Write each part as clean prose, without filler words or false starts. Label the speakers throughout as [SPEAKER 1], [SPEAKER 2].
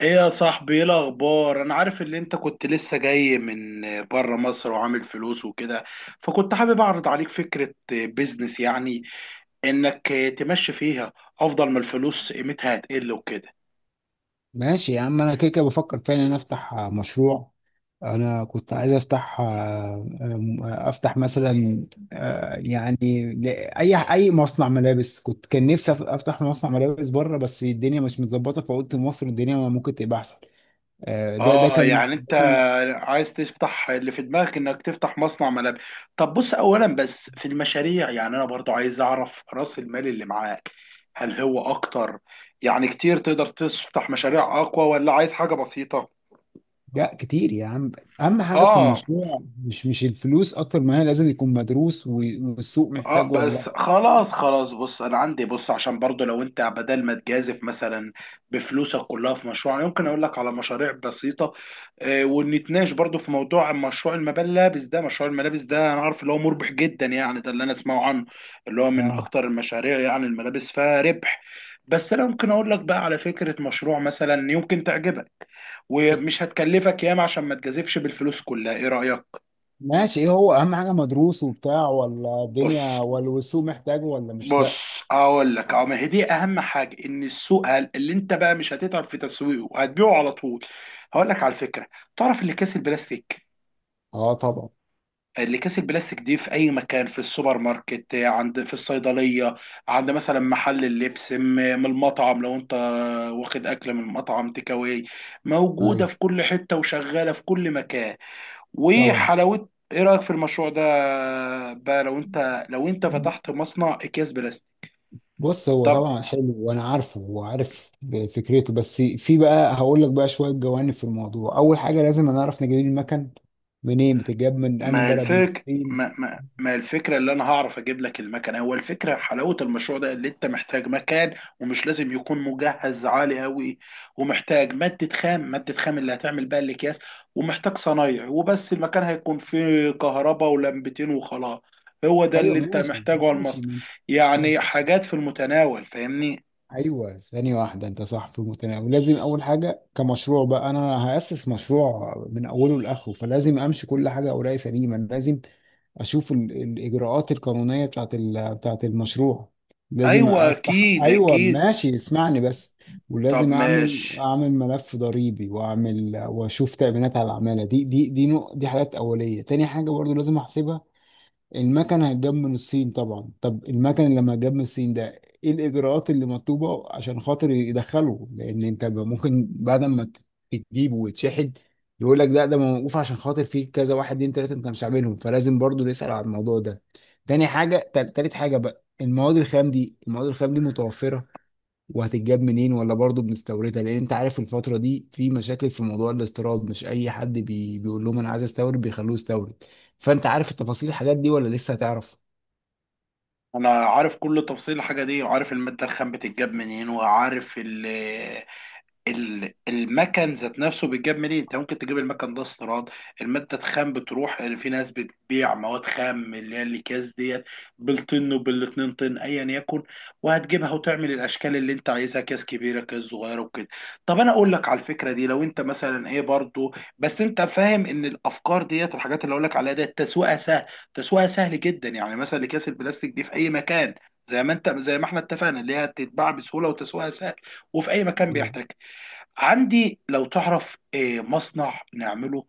[SPEAKER 1] ايه يا صاحبي، ايه الاخبار؟ انا عارف ان انت كنت لسه جاي من بره مصر وعامل فلوس وكده. فكنت حابب اعرض عليك فكرة بيزنس، يعني انك تمشي فيها، افضل ما الفلوس قيمتها هتقل وكده.
[SPEAKER 2] ماشي يا عم، انا كده كده بفكر فعلا افتح مشروع. انا كنت عايز افتح مثلا، يعني اي مصنع ملابس. كان نفسي افتح مصنع ملابس بره، بس الدنيا مش متظبطه، فقلت مصر الدنيا ممكن تبقى احسن. آه، ده ده
[SPEAKER 1] اه،
[SPEAKER 2] كان
[SPEAKER 1] يعني انت
[SPEAKER 2] ده كان
[SPEAKER 1] عايز تفتح اللي في دماغك انك تفتح مصنع ملابس. طب بص اولا، بس في المشاريع، يعني انا برضو عايز اعرف راس المال اللي معاك، هل هو اكتر يعني كتير تقدر تفتح مشاريع اقوى، ولا عايز حاجة بسيطة؟
[SPEAKER 2] لا، كتير يا عم. اهم حاجه في
[SPEAKER 1] اه،
[SPEAKER 2] المشروع مش الفلوس اكتر، ما هي لازم يكون مدروس والسوق
[SPEAKER 1] اه،
[SPEAKER 2] محتاجه ولا لا.
[SPEAKER 1] بس خلاص خلاص، بص انا عندي، بص عشان برضو لو انت بدل ما تجازف مثلا بفلوسك كلها في مشروع، يمكن اقول لك على مشاريع بسيطه ونتناقش برضو في موضوع مشروع الملابس ده. انا عارف اللي هو مربح جدا يعني، ده اللي انا اسمعه عنه، اللي هو من
[SPEAKER 2] اه
[SPEAKER 1] اكتر المشاريع، يعني الملابس فيها ربح. بس انا ممكن اقول لك بقى على فكره مشروع مثلا يمكن تعجبك، ومش هتكلفك ياما عشان ما تجازفش بالفلوس كلها، ايه رايك؟
[SPEAKER 2] ماشي، ايه هو اهم حاجه؟ مدروس وبتاع ولا
[SPEAKER 1] بص
[SPEAKER 2] الدنيا ولا والسوق محتاجه ولا مش لا؟
[SPEAKER 1] بص، هقول لك اهو، ما هي دي اهم حاجه، ان السوق اللي انت بقى مش هتتعب في تسويقه وهتبيعه على طول. هقول لك على الفكره. تعرف اللي كاس البلاستيك؟
[SPEAKER 2] اه طبعا.
[SPEAKER 1] دي في اي مكان، في السوبر ماركت، عند في الصيدليه، عند مثلا محل اللبس، من المطعم لو انت واخد اكل من المطعم تيك اواي، موجوده
[SPEAKER 2] ايوه
[SPEAKER 1] في كل حته وشغاله في كل مكان.
[SPEAKER 2] طبعا.
[SPEAKER 1] وحلاوه، ايه رايك في المشروع ده؟ بقى لو انت، فتحت مصنع اكياس بلاستيك.
[SPEAKER 2] بص، هو
[SPEAKER 1] طب
[SPEAKER 2] طبعا حلو وانا عارفه وعارف فكرته. بس في بقى، هقول لك بقى شويه جوانب في الموضوع. اول حاجه لازم نعرف نجيب المكن منين، بتتجاب من انهي
[SPEAKER 1] ما
[SPEAKER 2] بلد، من
[SPEAKER 1] الفك ما
[SPEAKER 2] الصين؟
[SPEAKER 1] ما ما الفكرة، اللي أنا هعرف أجيب لك المكنة. هو الفكرة حلاوة المشروع ده اللي أنت محتاج مكان، ومش لازم يكون مجهز عالي أوي، ومحتاج مادة خام، مادة خام اللي هتعمل بقى الأكياس، ومحتاج صنايعي وبس. المكان هيكون فيه كهرباء ولمبتين وخلاص، هو ده
[SPEAKER 2] ايوه
[SPEAKER 1] اللي أنت
[SPEAKER 2] ماشي.
[SPEAKER 1] محتاجه على
[SPEAKER 2] ماشي،
[SPEAKER 1] المصنع.
[SPEAKER 2] من من
[SPEAKER 1] يعني حاجات في المتناول، فاهمني؟
[SPEAKER 2] ايوه ثانيه واحده. انت صح، في المتناول. لازم اول حاجه كمشروع بقى انا هاسس مشروع من اوله لاخره. فلازم امشي كل حاجه، اوراقي سليمه، لازم اشوف الاجراءات القانونيه بتاعت المشروع. لازم
[SPEAKER 1] أيوه
[SPEAKER 2] افتح.
[SPEAKER 1] أكيد
[SPEAKER 2] ايوه
[SPEAKER 1] أكيد،
[SPEAKER 2] ماشي، اسمعني بس.
[SPEAKER 1] طب
[SPEAKER 2] ولازم اعمل
[SPEAKER 1] ماشي.
[SPEAKER 2] اعمل ملف ضريبي، واعمل واشوف تأمينات على العماله دي نوع، دي حاجات اوليه. تاني حاجه برضو لازم احسبها. المكن هيتجاب من الصين طبعا. طب المكن لما جاب من الصين ده، ايه الاجراءات اللي مطلوبه عشان خاطر يدخله؟ لان انت ممكن بعد ما تجيبه ويتشحن، يقول لك لا، ده موقوف عشان خاطر فيه كذا واحد اتنين تلاته انت مش عاملهم، فلازم برضو نسال على الموضوع ده. تاني حاجه، تالت حاجه بقى، المواد الخام دي. المواد الخام دي متوفره وهتتجاب منين، ولا برضه بنستوردها؟ لان انت عارف الفتره دي في مشاكل في موضوع الاستيراد، مش اي حد بيقول لهم انا عايز استورد بيخلوه يستورد. فانت عارف التفاصيل، الحاجات دي، ولا لسه هتعرف؟
[SPEAKER 1] انا عارف كل تفصيل الحاجه دي، وعارف الماده الخام بتتجاب منين، وعارف المكن ذات نفسه بيتجاب منين. انت ممكن تجيب المكن ده استيراد، الماده الخام بتروح في ناس بتبيع مواد خام اللي هي الاكياس ديت، بالطن وبالاتنين طن ايا يكن، وهتجيبها وتعمل الاشكال اللي انت عايزها، كاس كبيره كاس صغيره وكده. طب انا اقول لك على الفكره دي، لو انت مثلا ايه برضو، بس انت فاهم ان الافكار ديت، الحاجات اللي اقول لك عليها ديت، تسويقها سهل، تسويقها سهل جدا، يعني مثلا اكياس البلاستيك دي في اي مكان، زي ما احنا اتفقنا، اللي هي تتباع بسهوله وتسويقها سهل وفي اي مكان
[SPEAKER 2] مم.
[SPEAKER 1] بيحتاج. عندي لو تعرف مصنع نعمله،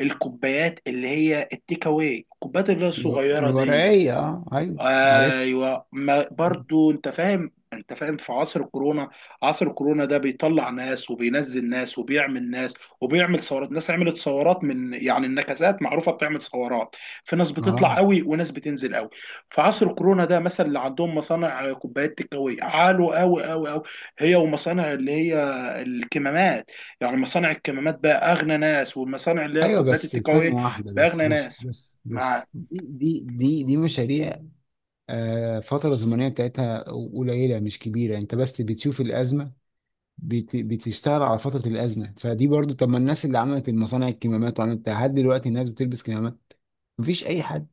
[SPEAKER 1] الكوبايات اللي هي التيك اواي، الكوبايات اللي هي الصغيره ديت.
[SPEAKER 2] الورقية، اه ايوه عرفت.
[SPEAKER 1] ايوه، ما
[SPEAKER 2] مم.
[SPEAKER 1] برضو انت فاهم، في عصر الكورونا، عصر الكورونا ده بيطلع ناس وبينزل ناس وبيعمل ناس، وبيعمل ثورات، ناس عملت ثورات، من يعني النكسات معروفه بتعمل ثورات. في ناس
[SPEAKER 2] اه
[SPEAKER 1] بتطلع قوي وناس بتنزل قوي. في عصر الكورونا ده مثلا، اللي عندهم مصانع كوبايات تكاوي عالوا قوي قوي قوي، هي ومصانع اللي هي الكمامات. يعني مصانع الكمامات بقى اغنى ناس، والمصانع اللي هي
[SPEAKER 2] ايوه،
[SPEAKER 1] الكوبايات
[SPEAKER 2] بس
[SPEAKER 1] التكاوي
[SPEAKER 2] ثانية واحدة.
[SPEAKER 1] بقى
[SPEAKER 2] بس،
[SPEAKER 1] اغنى
[SPEAKER 2] بص
[SPEAKER 1] ناس،
[SPEAKER 2] بص
[SPEAKER 1] مع
[SPEAKER 2] بص، دي مشاريع فترة زمنية بتاعتها قليلة، مش كبيرة. انت بس بتشوف الأزمة، بتشتغل على فترة الأزمة، فدي برضو. طب ما الناس اللي عملت المصانع، الكمامات، وعملت بتاع، لحد دلوقتي الناس بتلبس كمامات؟ مفيش أي حد.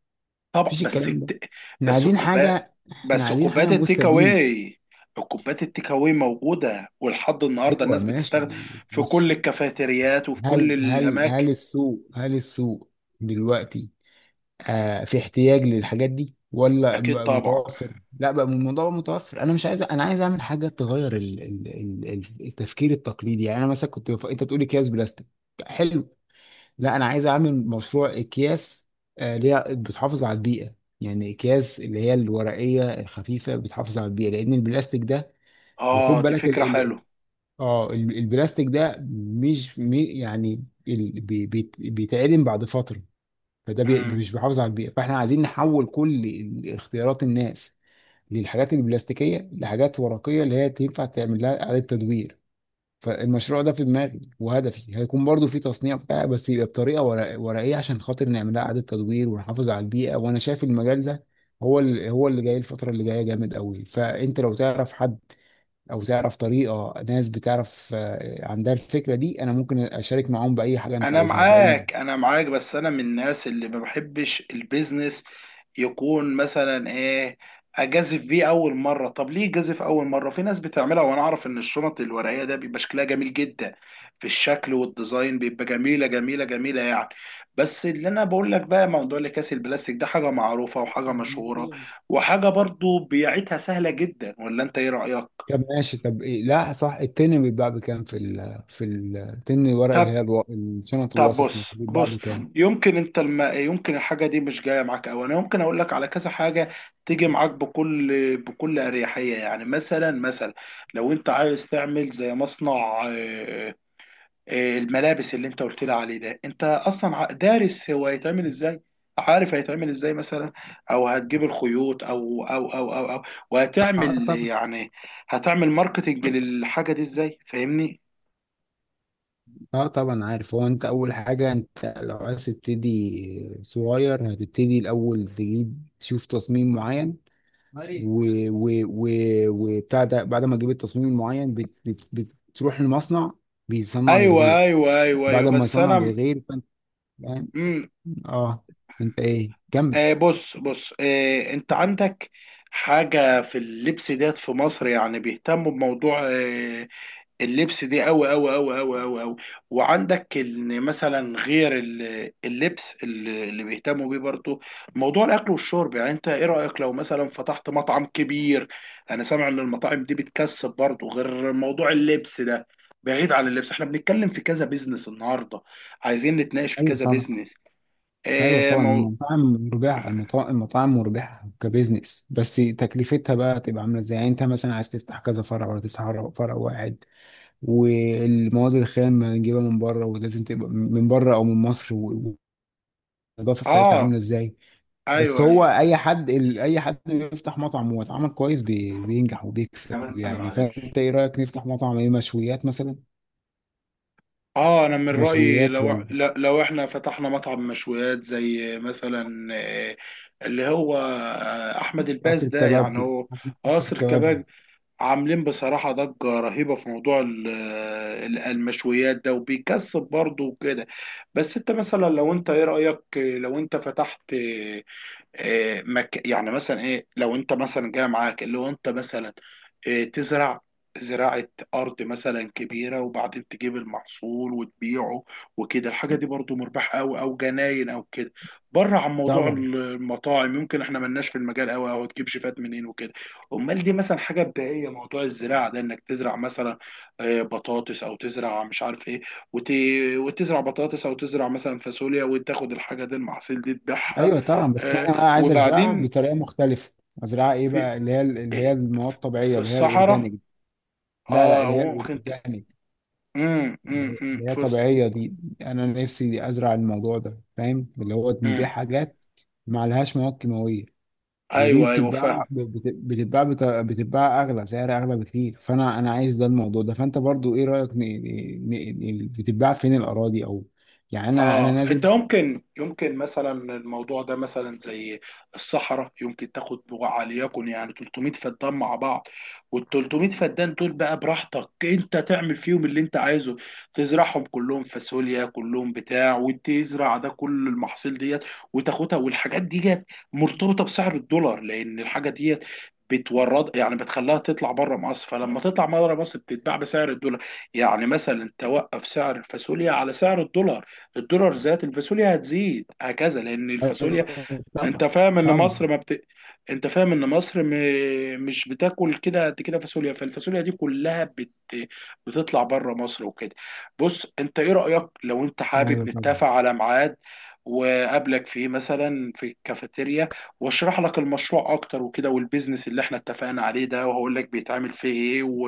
[SPEAKER 1] طبعا.
[SPEAKER 2] مفيش
[SPEAKER 1] بس
[SPEAKER 2] الكلام ده. احنا
[SPEAKER 1] بس
[SPEAKER 2] عايزين
[SPEAKER 1] الكوبايات،
[SPEAKER 2] حاجة احنا عايزين
[SPEAKER 1] كوبايات
[SPEAKER 2] حاجة
[SPEAKER 1] التيك
[SPEAKER 2] مستديم.
[SPEAKER 1] اواي، الكوبايات التيك اواي موجوده ولحد النهارده
[SPEAKER 2] أيوة
[SPEAKER 1] الناس
[SPEAKER 2] ماشي.
[SPEAKER 1] بتستخدم في كل
[SPEAKER 2] بص،
[SPEAKER 1] الكافيتريات وفي كل
[SPEAKER 2] هل هل
[SPEAKER 1] الاماكن،
[SPEAKER 2] هل السوق هل السوق دلوقتي في احتياج للحاجات دي ولا
[SPEAKER 1] اكيد
[SPEAKER 2] بقى
[SPEAKER 1] طبعا.
[SPEAKER 2] متوفر؟ لا بقى، الموضوع بقى متوفر. انا مش عايز، انا عايز اعمل حاجه تغير التفكير التقليدي. يعني انا مثلا كنت انت بتقولي اكياس بلاستيك، حلو؟ لا، انا عايز اعمل مشروع اكياس اللي هي بتحافظ على البيئه. يعني اكياس اللي هي الورقيه الخفيفه بتحافظ على البيئه، لان البلاستيك ده،
[SPEAKER 1] اه
[SPEAKER 2] وخد
[SPEAKER 1] دي
[SPEAKER 2] بالك،
[SPEAKER 1] فكره حلوه.
[SPEAKER 2] البلاستيك ده مش يعني بيتعدم بعد فتره، فده مش بيحافظ على البيئه. فاحنا عايزين نحول كل اختيارات الناس للحاجات البلاستيكيه لحاجات ورقيه اللي هي تنفع تعمل لها اعاده تدوير. فالمشروع ده في دماغي، وهدفي هيكون برضو في تصنيع بتاع، بس يبقى بطريقه ورقيه عشان خاطر نعملها اعاده تدوير ونحافظ على البيئه. وانا شايف المجال ده هو اللي، جاي الفتره اللي جايه جامد قوي. فانت لو تعرف حد او تعرف طريقه ناس بتعرف عندها الفكره دي، انا ممكن اشارك معاهم باي حاجه انت عايزها، باي.
[SPEAKER 1] انا معاك، بس انا من الناس اللي ما بحبش البيزنس يكون مثلا ايه، اجازف بيه اول مره. طب ليه جازف اول مره؟ في ناس بتعملها وانا اعرف ان الشنط الورقيه ده بيبقى شكلها جميل جدا، في الشكل والديزاين بيبقى جميله جميله جميله يعني. بس اللي انا بقول لك بقى، موضوع الاكياس البلاستيك ده حاجه معروفه، وحاجه مشهوره، وحاجه برضو بيعتها سهله جدا، ولا انت ايه رايك؟
[SPEAKER 2] طب ماشي. طب إيه؟ لا صح. التن بيتباع بكام، في ال في التن الورق اللي هي الشنط
[SPEAKER 1] طب
[SPEAKER 2] الوسط مثلا
[SPEAKER 1] بص
[SPEAKER 2] بيتباع
[SPEAKER 1] بص.
[SPEAKER 2] بكام؟
[SPEAKER 1] يمكن انت يمكن الحاجه دي مش جايه معاك، او انا يمكن اقول لك على كذا حاجه تيجي معاك بكل اريحيه. يعني مثلا، لو انت عايز تعمل زي مصنع آه، الملابس اللي انت قلت لي عليه ده، انت اصلا دارس هو هيتعمل ازاي؟ عارف هيتعمل ازاي مثلا؟ او هتجيب الخيوط، او او او او, أو.
[SPEAKER 2] اه
[SPEAKER 1] وهتعمل
[SPEAKER 2] طبعا.
[SPEAKER 1] يعني، ماركتنج للحاجه دي ازاي، فاهمني؟
[SPEAKER 2] اه طبعا عارف. هو انت، اول حاجة، انت لو عايز تبتدي صغير، هتبتدي الاول تجيب تشوف تصميم معين و و و وبتاع ده. بعد ما تجيب التصميم المعين بتروح المصنع، بيصنع
[SPEAKER 1] ايوه
[SPEAKER 2] للغير.
[SPEAKER 1] ايوه ايوه ايوه،
[SPEAKER 2] بعد ما
[SPEAKER 1] بس
[SPEAKER 2] يصنع
[SPEAKER 1] انا.
[SPEAKER 2] للغير، فانت فاهم.
[SPEAKER 1] مم.
[SPEAKER 2] اه. انت ايه، كمل.
[SPEAKER 1] بص بص، انت عندك حاجة في اللبس ديت، في مصر يعني بيهتموا بموضوع اللبس دي أوي أوي أوي أوي أوي أوي. وعندك إن مثلا غير اللبس اللي بيهتموا بيه، برضو موضوع الأكل والشرب. يعني أنت إيه رأيك لو مثلا فتحت مطعم كبير؟ أنا سامع إن المطاعم دي بتكسب برضو، غير موضوع اللبس ده. بعيد عن اللبس، احنا بنتكلم في كذا بيزنس النهارده، عايزين نتناقش في
[SPEAKER 2] ايوه
[SPEAKER 1] كذا
[SPEAKER 2] طبعا.
[SPEAKER 1] بيزنس.
[SPEAKER 2] ايوه
[SPEAKER 1] اه
[SPEAKER 2] طبعا،
[SPEAKER 1] مو...
[SPEAKER 2] المطاعم مربحة. كبزنس، بس تكلفتها بقى تبقى عاملة ازاي؟ يعني انت مثلا عايز تفتح كذا فرع، ولا تفتح فرع واحد؟ والمواد الخام هنجيبها من بره، ولازم تبقى من بره او من مصر، والنظافه بتاعتها
[SPEAKER 1] اه
[SPEAKER 2] عامله ازاي؟ بس
[SPEAKER 1] ايوه
[SPEAKER 2] هو
[SPEAKER 1] ايوه،
[SPEAKER 2] اي حد، بيفتح مطعم واتعمل كويس بينجح وبيكسب.
[SPEAKER 1] كمان سنة
[SPEAKER 2] يعني
[SPEAKER 1] معلش.
[SPEAKER 2] فانت ايه رايك، نفتح مطعم ايه، مشويات مثلا؟
[SPEAKER 1] اه انا من رايي
[SPEAKER 2] مشويات،
[SPEAKER 1] لو
[SPEAKER 2] ولا
[SPEAKER 1] لو احنا فتحنا مطعم مشويات زي مثلا اللي هو احمد الباز
[SPEAKER 2] قصر
[SPEAKER 1] ده، يعني
[SPEAKER 2] الكبابجي.
[SPEAKER 1] هو
[SPEAKER 2] قصر
[SPEAKER 1] قصر
[SPEAKER 2] الكبابجي.
[SPEAKER 1] كباب، عاملين بصراحه ضجه رهيبه في موضوع المشويات ده، وبيكسب برضه وكده. بس انت مثلا، لو انت ايه رايك، لو انت فتحت يعني مثلا ايه، لو انت مثلا جاي معاك اللي هو، انت مثلا تزرع، زراعة أرض مثلا كبيرة، وبعدين تجيب المحصول وتبيعه وكده، الحاجة دي برضو مربحة أوي، أو جناين أو كده، بره عن موضوع
[SPEAKER 2] طبعا.
[SPEAKER 1] المطاعم، يمكن احنا ملناش في المجال أوي، أو تجيب شيفات منين وكده. أمال دي مثلا حاجة بدائية، موضوع الزراعة ده، إنك تزرع مثلا بطاطس، أو تزرع مش عارف إيه، وت... وتزرع بطاطس، أو تزرع مثلا فاصوليا، وتاخد الحاجة دي، المحاصيل دي تبيعها.
[SPEAKER 2] ايوه طبعا. بس
[SPEAKER 1] آه،
[SPEAKER 2] انا بقى عايز ازرعها
[SPEAKER 1] وبعدين
[SPEAKER 2] بطريقه مختلفه. ازرعها ايه
[SPEAKER 1] في
[SPEAKER 2] بقى، اللي هي، المواد
[SPEAKER 1] في
[SPEAKER 2] الطبيعيه اللي هي
[SPEAKER 1] الصحراء.
[SPEAKER 2] الاورجانيك. لا لا،
[SPEAKER 1] اه
[SPEAKER 2] اللي هي
[SPEAKER 1] ممكن ت...
[SPEAKER 2] الاورجانيك. اللي هي
[SPEAKER 1] في
[SPEAKER 2] طبيعية دي. أنا نفسي أزرع الموضوع ده، فاهم؟ اللي هو
[SPEAKER 1] مم.
[SPEAKER 2] نبيع حاجات ما لهاش مواد كيماوية. ودي
[SPEAKER 1] ايوه ايوه، فاهم.
[SPEAKER 2] بتتباع، بتتباع أغلى سعر، أغلى بكتير. فأنا عايز ده الموضوع ده. فأنت برضو إيه رأيك بتتباع فين الأراضي أو، يعني أنا
[SPEAKER 1] اه انت،
[SPEAKER 2] نازل.
[SPEAKER 1] يمكن مثلا الموضوع ده، مثلا زي الصحراء، يمكن تاخد وليكن يعني 300 فدان مع بعض، وال 300 فدان دول بقى براحتك انت تعمل فيهم اللي انت عايزه، تزرعهم كلهم فاصوليا، كلهم بتاع، وتزرع ده كل المحاصيل ديت، وتاخدها. والحاجات ديت مرتبطة بسعر الدولار، لان الحاجة ديت بتورد، يعني بتخليها تطلع بره مصر، فلما تطلع بره مصر بتتباع بسعر الدولار، يعني مثلا توقف سعر الفاصوليا على سعر الدولار، الدولار زاد الفاصوليا هتزيد، هكذا، لان الفاصوليا،
[SPEAKER 2] أيوة،
[SPEAKER 1] انت
[SPEAKER 2] طبعا.
[SPEAKER 1] فاهم ان
[SPEAKER 2] طبعا.
[SPEAKER 1] مصر ما بت... انت فاهم ان مصر مش بتاكل كده قد كده فاصوليا، فالفاصوليا دي كلها بتطلع بره مصر وكده. بص، انت ايه رأيك لو انت
[SPEAKER 2] أيوه
[SPEAKER 1] حابب
[SPEAKER 2] طبعا.
[SPEAKER 1] نتفق على ميعاد، وقابلك فيه مثلا في الكافيتيريا، واشرح لك المشروع اكتر وكده، والبيزنس اللي احنا اتفقنا عليه ده، وهقول لك بيتعمل فيه ايه،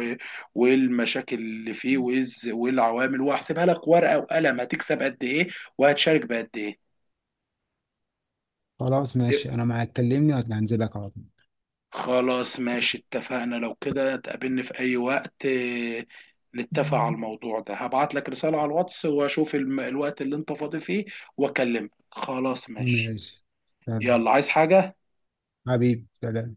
[SPEAKER 1] وايه المشاكل اللي فيه، وايه وايه العوامل، وهحسبها لك ورقة وقلم هتكسب قد ايه، وهتشارك بقد ايه.
[SPEAKER 2] خلاص ماشي، أنا معاك كلمني وهنزلك على طول.
[SPEAKER 1] خلاص ماشي، اتفقنا. لو كده تقابلني في أي وقت، نتفق على الموضوع ده. هبعت لك رسالة على الواتس، وأشوف الوقت اللي أنت فاضي فيه وأكلمك. خلاص ماشي.
[SPEAKER 2] ماشي. سلام.
[SPEAKER 1] يلا، عايز حاجة؟
[SPEAKER 2] حبيبي، سلام.